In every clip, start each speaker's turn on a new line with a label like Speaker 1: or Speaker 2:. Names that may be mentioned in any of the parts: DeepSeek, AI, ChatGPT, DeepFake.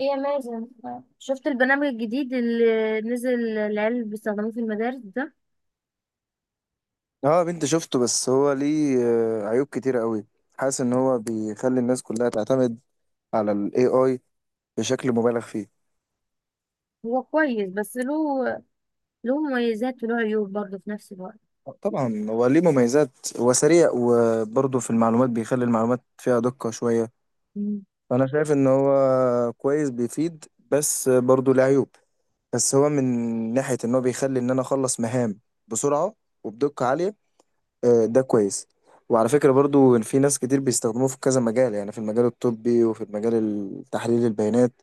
Speaker 1: ايه يا مازن؟ شفت البرنامج الجديد اللي نزل العيال بيستخدموه في المدارس ده؟
Speaker 2: اه، بنت شفته بس هو ليه عيوب كتيرة قوي. حاسس ان هو بيخلي الناس كلها تعتمد على ال AI بشكل مبالغ فيه.
Speaker 1: هو كويس، بس له مميزات وله عيوب برضه في نفس الوقت.
Speaker 2: طبعا هو ليه مميزات. هو سريع وبرضه في المعلومات بيخلي المعلومات فيها دقة شوية.
Speaker 1: مم.
Speaker 2: فانا شايف ان هو كويس بيفيد بس برضه ليه عيوب. بس هو من ناحية ان هو بيخلي ان انا اخلص مهام بسرعة وبدقة عالية ده كويس. وعلى فكرة برضو إن في ناس كتير بيستخدموه في كذا مجال، يعني في المجال الطبي وفي المجال التحليل البيانات.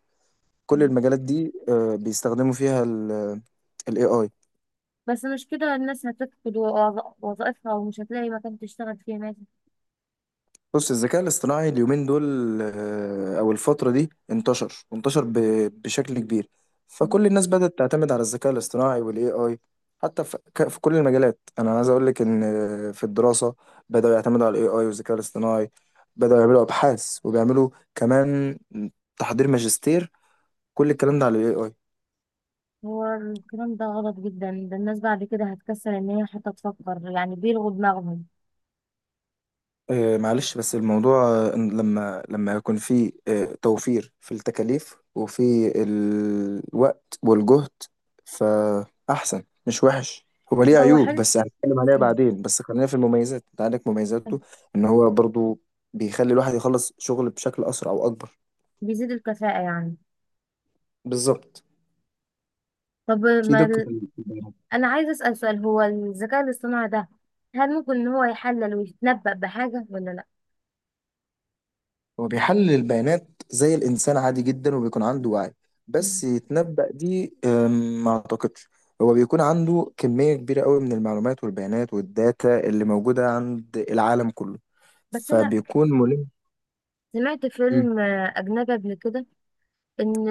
Speaker 2: كل المجالات دي بيستخدموا فيها ال AI.
Speaker 1: بس مش كده الناس هتفقد وظائفها ومش هتلاقي مكان تشتغل فيه يا مازن.
Speaker 2: بص، الذكاء الاصطناعي اليومين دول أو الفترة دي انتشر بشكل كبير.
Speaker 1: مم.
Speaker 2: فكل الناس بدأت تعتمد على الذكاء الاصطناعي وال AI. حتى في في كل المجالات، أنا عايز أقول لك إن في الدراسة بدأوا يعتمدوا على ال AI والذكاء الاصطناعي. بدأوا يعملوا أبحاث وبيعملوا كمان تحضير ماجستير. كل الكلام ده على ال AI.
Speaker 1: هو الكلام ده غلط جدا، ده الناس بعد كده هتكسل ان هي حتى تفكر، يعني بيلغوا دماغهم.
Speaker 2: معلش بس الموضوع إن لما يكون في توفير في التكاليف وفي الوقت والجهد، فأحسن مش وحش. هو ليه
Speaker 1: هو
Speaker 2: عيوب
Speaker 1: حلو.
Speaker 2: بس هنتكلم عليها
Speaker 1: مم.
Speaker 2: بعدين. بس خلينا في المميزات، انت عندك مميزاته. ان هو برضو بيخلي الواحد يخلص شغل بشكل أسرع وأكبر.
Speaker 1: بيزيد الكفاءة يعني.
Speaker 2: بالظبط.
Speaker 1: طب
Speaker 2: في
Speaker 1: ما
Speaker 2: دقة في البيان.
Speaker 1: انا عايزه اسال سؤال، هو الذكاء الاصطناعي ده هل ممكن ان هو يحلل ويتنبأ بحاجه ولا لا؟
Speaker 2: هو بيحلل البيانات زي الإنسان عادي جدا وبيكون عنده وعي.
Speaker 1: مم.
Speaker 2: بس يتنبأ دي ما أعتقدش. هو بيكون عنده كمية كبيرة قوي من المعلومات والبيانات والداتا اللي موجودة عند العالم كله،
Speaker 1: بس انا
Speaker 2: فبيكون ملم.
Speaker 1: سمعت
Speaker 2: مم.
Speaker 1: فيلم اجنبي قبل كده، ان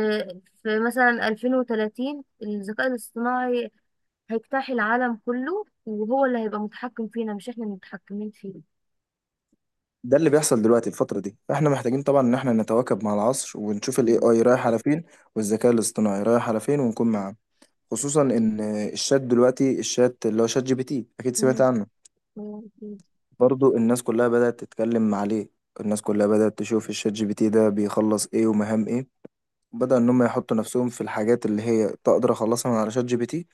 Speaker 1: في مثلا 2030 الذكاء الاصطناعي هيجتاح العالم كله، وهو اللي هيبقى متحكم فينا مش احنا اللي متحكمين فيه.
Speaker 2: ده اللي بيحصل دلوقتي الفترة دي، فاحنا محتاجين طبعا ان احنا نتواكب مع العصر ونشوف الاي
Speaker 1: مم.
Speaker 2: اي رايح على فين والذكاء الاصطناعي رايح على فين ونكون معاه. خصوصا ان الشات دلوقتي، الشات اللي هو شات جي بي تي، اكيد سمعت
Speaker 1: مم.
Speaker 2: عنه.
Speaker 1: مم. مم.
Speaker 2: برضو الناس كلها بدأت تتكلم عليه. الناس كلها بدأت تشوف الشات جي بي تي ده بيخلص ايه ومهام ايه، وبدأ ان هم يحطوا نفسهم في الحاجات اللي هي تقدر اخلصها من على شات جي بي تي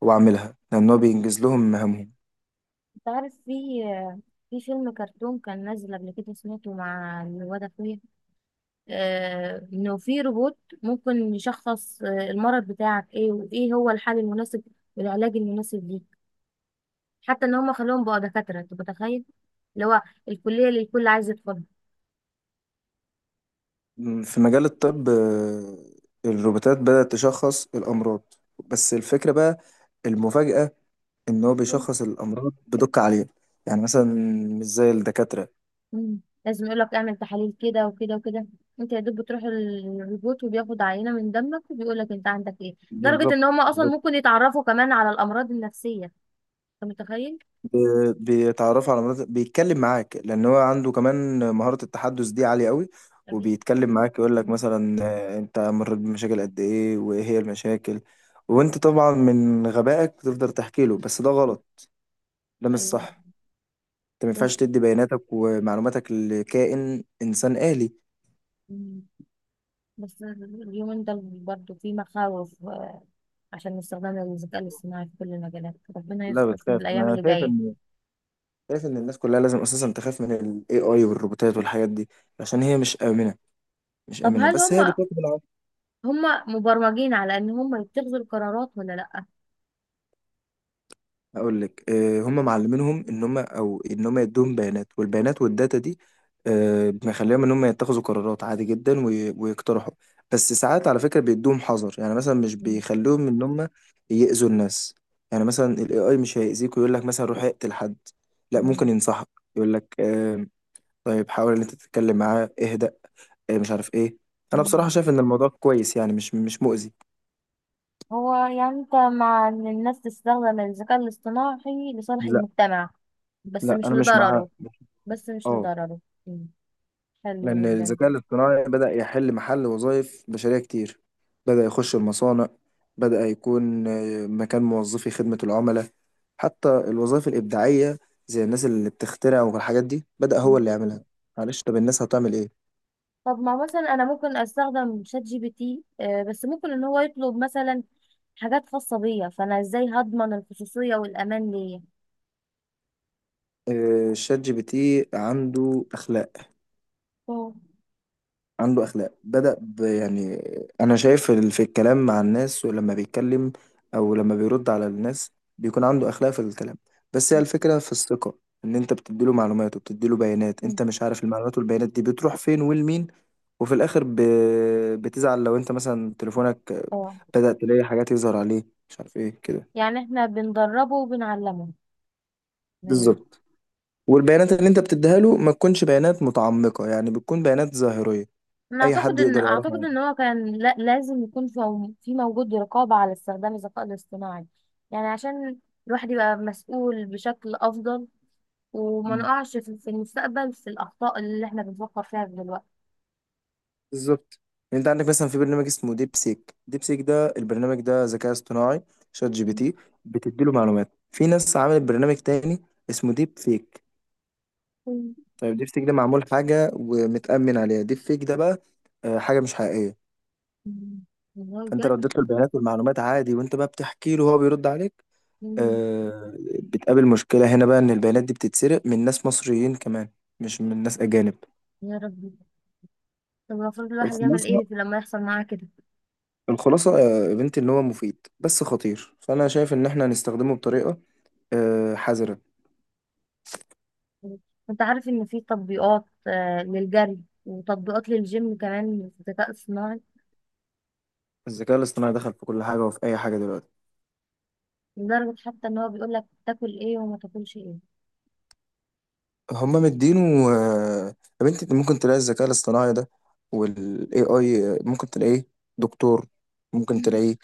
Speaker 2: واعملها لان هو بينجز لهم مهامهم.
Speaker 1: انت عارف، في فيلم كرتون كان نازل قبل كده سمعته مع الواد اخويا، انه في روبوت ممكن يشخص المرض بتاعك ايه، وايه هو الحل المناسب والعلاج المناسب ليك. حتى ان هم خلوهم بقى دكاتره، انت متخيل؟ اللي هو الكليه اللي الكل عايز يدخلها.
Speaker 2: في مجال الطب، الروبوتات بدأت تشخص الامراض. بس الفكرة بقى، المفاجأة، ان هو بيشخص الامراض بدقة عالية. يعني مثلا مش زي الدكاترة.
Speaker 1: مم. لازم يقول لك اعمل تحاليل كده وكده وكده. انت يا دوب بتروح الروبوت وبياخد عينه من دمك وبيقول لك انت عندك ايه. لدرجه
Speaker 2: بالظبط.
Speaker 1: ان هم اصلا ممكن يتعرفوا كمان على الامراض النفسيه، انت متخيل؟
Speaker 2: بيتعرفوا على مناطق، بيتكلم معاك لان هو عنده كمان مهارة التحدث دي عالية قوي.
Speaker 1: أكيد.
Speaker 2: وبيتكلم معاك يقول لك
Speaker 1: مم.
Speaker 2: مثلا انت مريت بمشاكل قد ايه وايه هي المشاكل. وانت طبعا من غبائك تقدر تحكي له، بس ده غلط. ده مش
Speaker 1: ايوه.
Speaker 2: صح. انت ما ينفعش تدي بياناتك ومعلوماتك لكائن انسان آلي.
Speaker 1: مم. بس اليومين دول برضه في مخاوف عشان استخدام الذكاء الاصطناعي في كل المجالات، ربنا
Speaker 2: لا
Speaker 1: يستر في
Speaker 2: بتخاف.
Speaker 1: الأيام
Speaker 2: انا
Speaker 1: اللي
Speaker 2: شايف
Speaker 1: جاية.
Speaker 2: ان الناس كلها لازم اساسا تخاف من الاي اي والروبوتات والحاجات دي عشان هي مش آمنة. مش
Speaker 1: طب
Speaker 2: آمنة
Speaker 1: هل
Speaker 2: بس هي
Speaker 1: هم
Speaker 2: بتواكب.
Speaker 1: هم مبرمجين على إن هم يتخذوا القرارات ولا لأ؟
Speaker 2: هقول لك، هم معلمينهم ان هم، او ان هم يدوهم بيانات، والبيانات والداتا دي مخليهم ان هم يتخذوا قرارات عادي جدا، ويقترحوا. بس ساعات على فكره بيدوهم حذر، يعني مثلا مش
Speaker 1: مم.
Speaker 2: بيخلوهم ان هم يأذوا الناس. يعني مثلا الاي اي مش هيأذيك ويقول لك مثلا روح اقتل حد. لا، ممكن
Speaker 1: مم.
Speaker 2: ينصحك يقول لك طيب حاول ان انت تتكلم معاه، اهدأ، مش عارف ايه. انا بصراحه
Speaker 1: مم.
Speaker 2: شايف ان الموضوع كويس، يعني مش مؤذي.
Speaker 1: هو يعني أنت مع إن الناس تستخدم الذكاء الاصطناعي لصالح
Speaker 2: لا
Speaker 1: المجتمع بس
Speaker 2: لا،
Speaker 1: مش
Speaker 2: انا مش معاه.
Speaker 1: لضرره؟ بس مش
Speaker 2: اه.
Speaker 1: لضرره. مم. حلو
Speaker 2: لأن
Speaker 1: جدا ده.
Speaker 2: الذكاء الاصطناعي بدأ يحل محل وظائف بشرية كتير. بدأ يخش المصانع. بدأ يكون مكان موظفي خدمة العملاء. حتى الوظائف الإبداعية زي الناس اللي بتخترع والحاجات دي بدأ هو
Speaker 1: مم.
Speaker 2: اللي يعملها. معلش، طب الناس هتعمل إيه؟
Speaker 1: طب ما مثلا أنا ممكن أستخدم شات جي بي تي، بس ممكن إن هو يطلب مثلا حاجات خاصة بيا، فأنا إزاي هضمن الخصوصية والأمان ليا؟
Speaker 2: شات جي بي تي عنده أخلاق.
Speaker 1: مم.
Speaker 2: عنده اخلاق، بدأ يعني انا شايف في الكلام مع الناس، ولما بيتكلم او لما بيرد على الناس بيكون عنده اخلاق في الكلام. بس هي الفكرة في الثقة. ان انت بتديله معلومات وبتديله بيانات،
Speaker 1: مم.
Speaker 2: انت مش عارف المعلومات والبيانات دي بتروح فين ولمين. وفي الاخر بتزعل لو انت مثلا تليفونك
Speaker 1: اه.
Speaker 2: بدأ تلاقي حاجات يظهر عليه مش عارف ايه كده.
Speaker 1: يعني احنا بندربه وبنعلمه، تمام.
Speaker 2: بالظبط. والبيانات اللي انت بتديها له ما تكونش بيانات متعمقة، يعني بتكون بيانات ظاهرية
Speaker 1: انا
Speaker 2: اي
Speaker 1: اعتقد
Speaker 2: حد
Speaker 1: ان
Speaker 2: يقدر
Speaker 1: اعتقد
Speaker 2: يعرفها
Speaker 1: ان هو كان لا لازم يكون في موجود رقابة على استخدام الذكاء الاصطناعي، يعني عشان الواحد يبقى مسؤول بشكل افضل، وما
Speaker 2: عنه.
Speaker 1: نقعش في المستقبل في الاخطاء اللي احنا بنفكر فيها دلوقتي.
Speaker 2: بالظبط. يعني انت عندك مثلا في برنامج اسمه ديب سيك. ديب سيك ده، البرنامج ده ذكاء اصطناعي، شات جي بي
Speaker 1: مم.
Speaker 2: تي بتديله معلومات. في ناس عملت برنامج تاني اسمه ديب فيك. طيب ديب سيك ده معمول حاجة ومتأمن عليها، ديب فيك ده بقى حاجة مش حقيقية.
Speaker 1: مم. والله
Speaker 2: فانت
Speaker 1: بجد.
Speaker 2: لو اديت له البيانات والمعلومات عادي، وانت بقى بتحكي له وهو بيرد عليك
Speaker 1: مم.
Speaker 2: آه، بتقابل مشكلة هنا بقى ان البيانات دي بتتسرق من ناس مصريين كمان، مش من ناس أجانب.
Speaker 1: يا ربي، طب المفروض الواحد يعمل
Speaker 2: الخلاصة
Speaker 1: ايه في لما يحصل معاه كده؟
Speaker 2: الخلاصة يا بنتي إن هو مفيد بس خطير، فأنا شايف إن إحنا هنستخدمه بطريقة حذرة.
Speaker 1: انت عارف ان في تطبيقات للجري، وتطبيقات للجيم كمان في الذكاء الصناعي.
Speaker 2: الذكاء الاصطناعي دخل في كل حاجة وفي أي حاجة دلوقتي.
Speaker 1: لدرجة حتى ان هو بيقول لك تاكل ايه وما تاكلش ايه.
Speaker 2: هما مدينه. آه، يا بنتي أنت ممكن تلاقي الذكاء الاصطناعي ده وال AI ممكن تلاقيه دكتور، ممكن
Speaker 1: مم.
Speaker 2: تلاقيه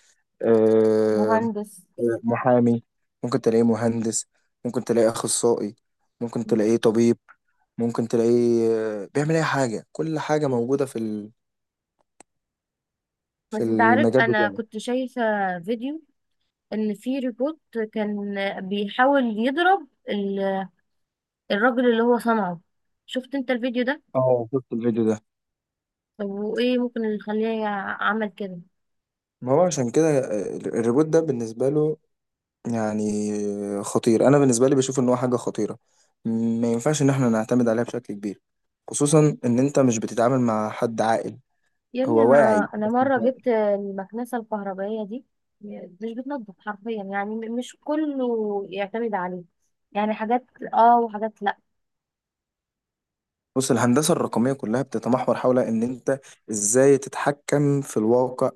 Speaker 2: آه،
Speaker 1: مهندس.
Speaker 2: محامي، ممكن تلاقيه مهندس، ممكن تلاقيه أخصائي، ممكن
Speaker 1: مم.
Speaker 2: تلاقيه طبيب، ممكن تلاقيه بيعمل أي حاجة. كل حاجة موجودة في في
Speaker 1: بس انت عارف
Speaker 2: المجال
Speaker 1: انا
Speaker 2: بتاعه.
Speaker 1: كنت شايفة فيديو، ان في روبوت كان بيحاول يضرب الراجل اللي هو صنعه، شفت انت الفيديو ده؟
Speaker 2: اه شفت الفيديو ده.
Speaker 1: طب وايه ممكن اللي يخليه عمل كده؟
Speaker 2: ما هو عشان كده الريبوت ده بالنسبة له يعني خطير. أنا بالنسبة لي بشوف إن هو حاجة خطيرة. ما ينفعش إن إحنا نعتمد عليها بشكل كبير، خصوصا إن أنت مش بتتعامل مع حد عاقل.
Speaker 1: يا ابني،
Speaker 2: هو
Speaker 1: انا
Speaker 2: واعي
Speaker 1: انا
Speaker 2: بس مش
Speaker 1: مرة
Speaker 2: عاقل.
Speaker 1: جبت المكنسة الكهربائية دي مش بتنضف حرفيا، يعني مش كله يعتمد عليه، يعني حاجات اه وحاجات
Speaker 2: بص، الهندسة الرقمية كلها بتتمحور حول إن أنت إزاي تتحكم في الواقع،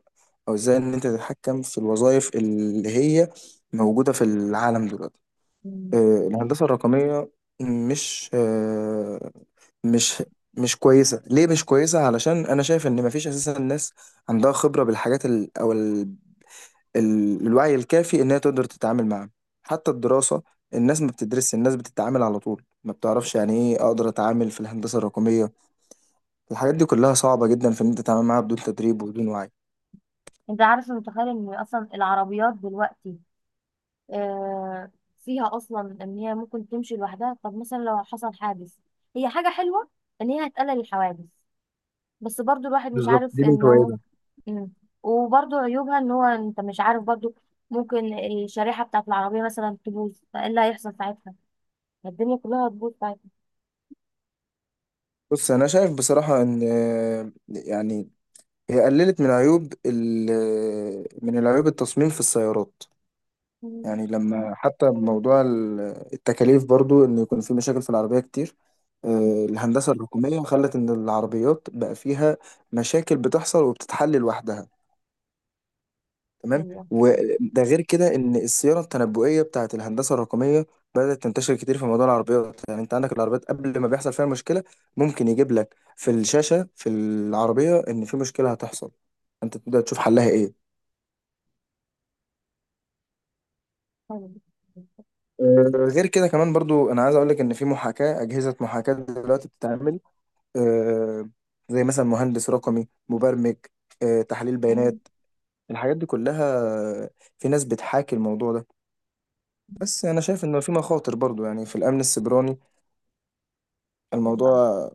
Speaker 2: أو إزاي إن أنت تتحكم في الوظائف اللي هي موجودة في العالم دلوقتي.
Speaker 1: لا.
Speaker 2: الهندسة الرقمية مش آه، مش مش كويسة. ليه مش كويسة؟ علشان أنا شايف إن مفيش أساسا ناس عندها خبرة بالحاجات ال... أو ال... ال... الوعي الكافي إن هي تقدر تتعامل معاها. حتى الدراسة الناس ما بتدرسش، الناس بتتعامل على طول، ما بتعرفش يعني إيه أقدر أتعامل في الهندسة الرقمية. الحاجات دي كلها صعبة جدا في إن أنت تتعامل معاها بدون تدريب وبدون وعي.
Speaker 1: انت عارف متخيل ان اصلا العربيات دلوقتي، آه فيها اصلا ان هي ممكن تمشي لوحدها؟ طب مثلا لو حصل حادث؟ هي حاجة حلوة ان هي هتقلل الحوادث، بس برضو الواحد مش
Speaker 2: بالظبط.
Speaker 1: عارف
Speaker 2: دي من
Speaker 1: انه
Speaker 2: فوائدها.
Speaker 1: ممكن، وبرضو عيوبها ان هو انت مش عارف برضو ممكن الشريحة بتاعت العربية مثلا تبوظ، فايه اللي هيحصل ساعتها؟ الدنيا كلها هتبوظ ساعتها.
Speaker 2: بص، أنا شايف بصراحة إن يعني هي قللت من عيوب من العيوب التصميم في السيارات.
Speaker 1: مم.
Speaker 2: يعني لما حتى بموضوع التكاليف برضو ان يكون في مشاكل في العربية كتير. الهندسة الرقمية خلت ان العربيات بقى فيها مشاكل بتحصل وبتتحل لوحدها. تمام.
Speaker 1: ايوه. مم.
Speaker 2: وده غير كده ان الصيانة التنبؤية بتاعت الهندسة الرقمية بدأت تنتشر كتير في موضوع العربيات. يعني انت عندك العربيات قبل ما بيحصل فيها مشكلة ممكن يجيب لك في الشاشة في العربية ان في مشكلة هتحصل، انت تبدأ تشوف حلها ايه. غير كده كمان برضو انا عايز اقول لك ان في محاكاه اجهزه محاكاه دلوقتي بتتعمل. آه، زي مثلا مهندس رقمي مبرمج، تحليل
Speaker 1: مم.
Speaker 2: بيانات، الحاجات دي كلها. آه، في ناس بتحاكي الموضوع ده. بس انا شايف انه في مخاطر برضو، يعني في الامن السيبراني
Speaker 1: والله
Speaker 2: الموضوع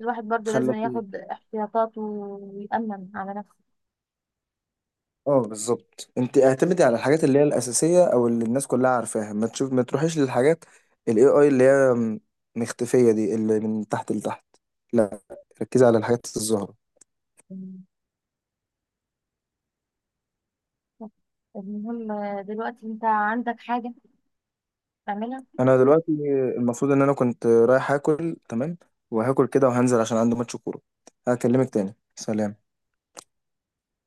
Speaker 1: الواحد برضو لازم
Speaker 2: خلى فيه.
Speaker 1: ياخد احتياطاته ويأمن على
Speaker 2: اه، بالظبط. انت اعتمدي على الحاجات اللي هي الاساسيه او اللي الناس كلها عارفاها. ما تشوف، ما تروحيش للحاجات الاي اي اللي هي مختفيه دي اللي من تحت لتحت. لا، ركزي على الحاجات الظاهره.
Speaker 1: نفسه. المهم، دلوقتي انت عندك حاجة تعملها؟
Speaker 2: انا دلوقتي المفروض ان انا كنت رايح اكل، تمام، وهاكل كده وهنزل عشان عندي ماتش كوره. هكلمك تاني، سلام.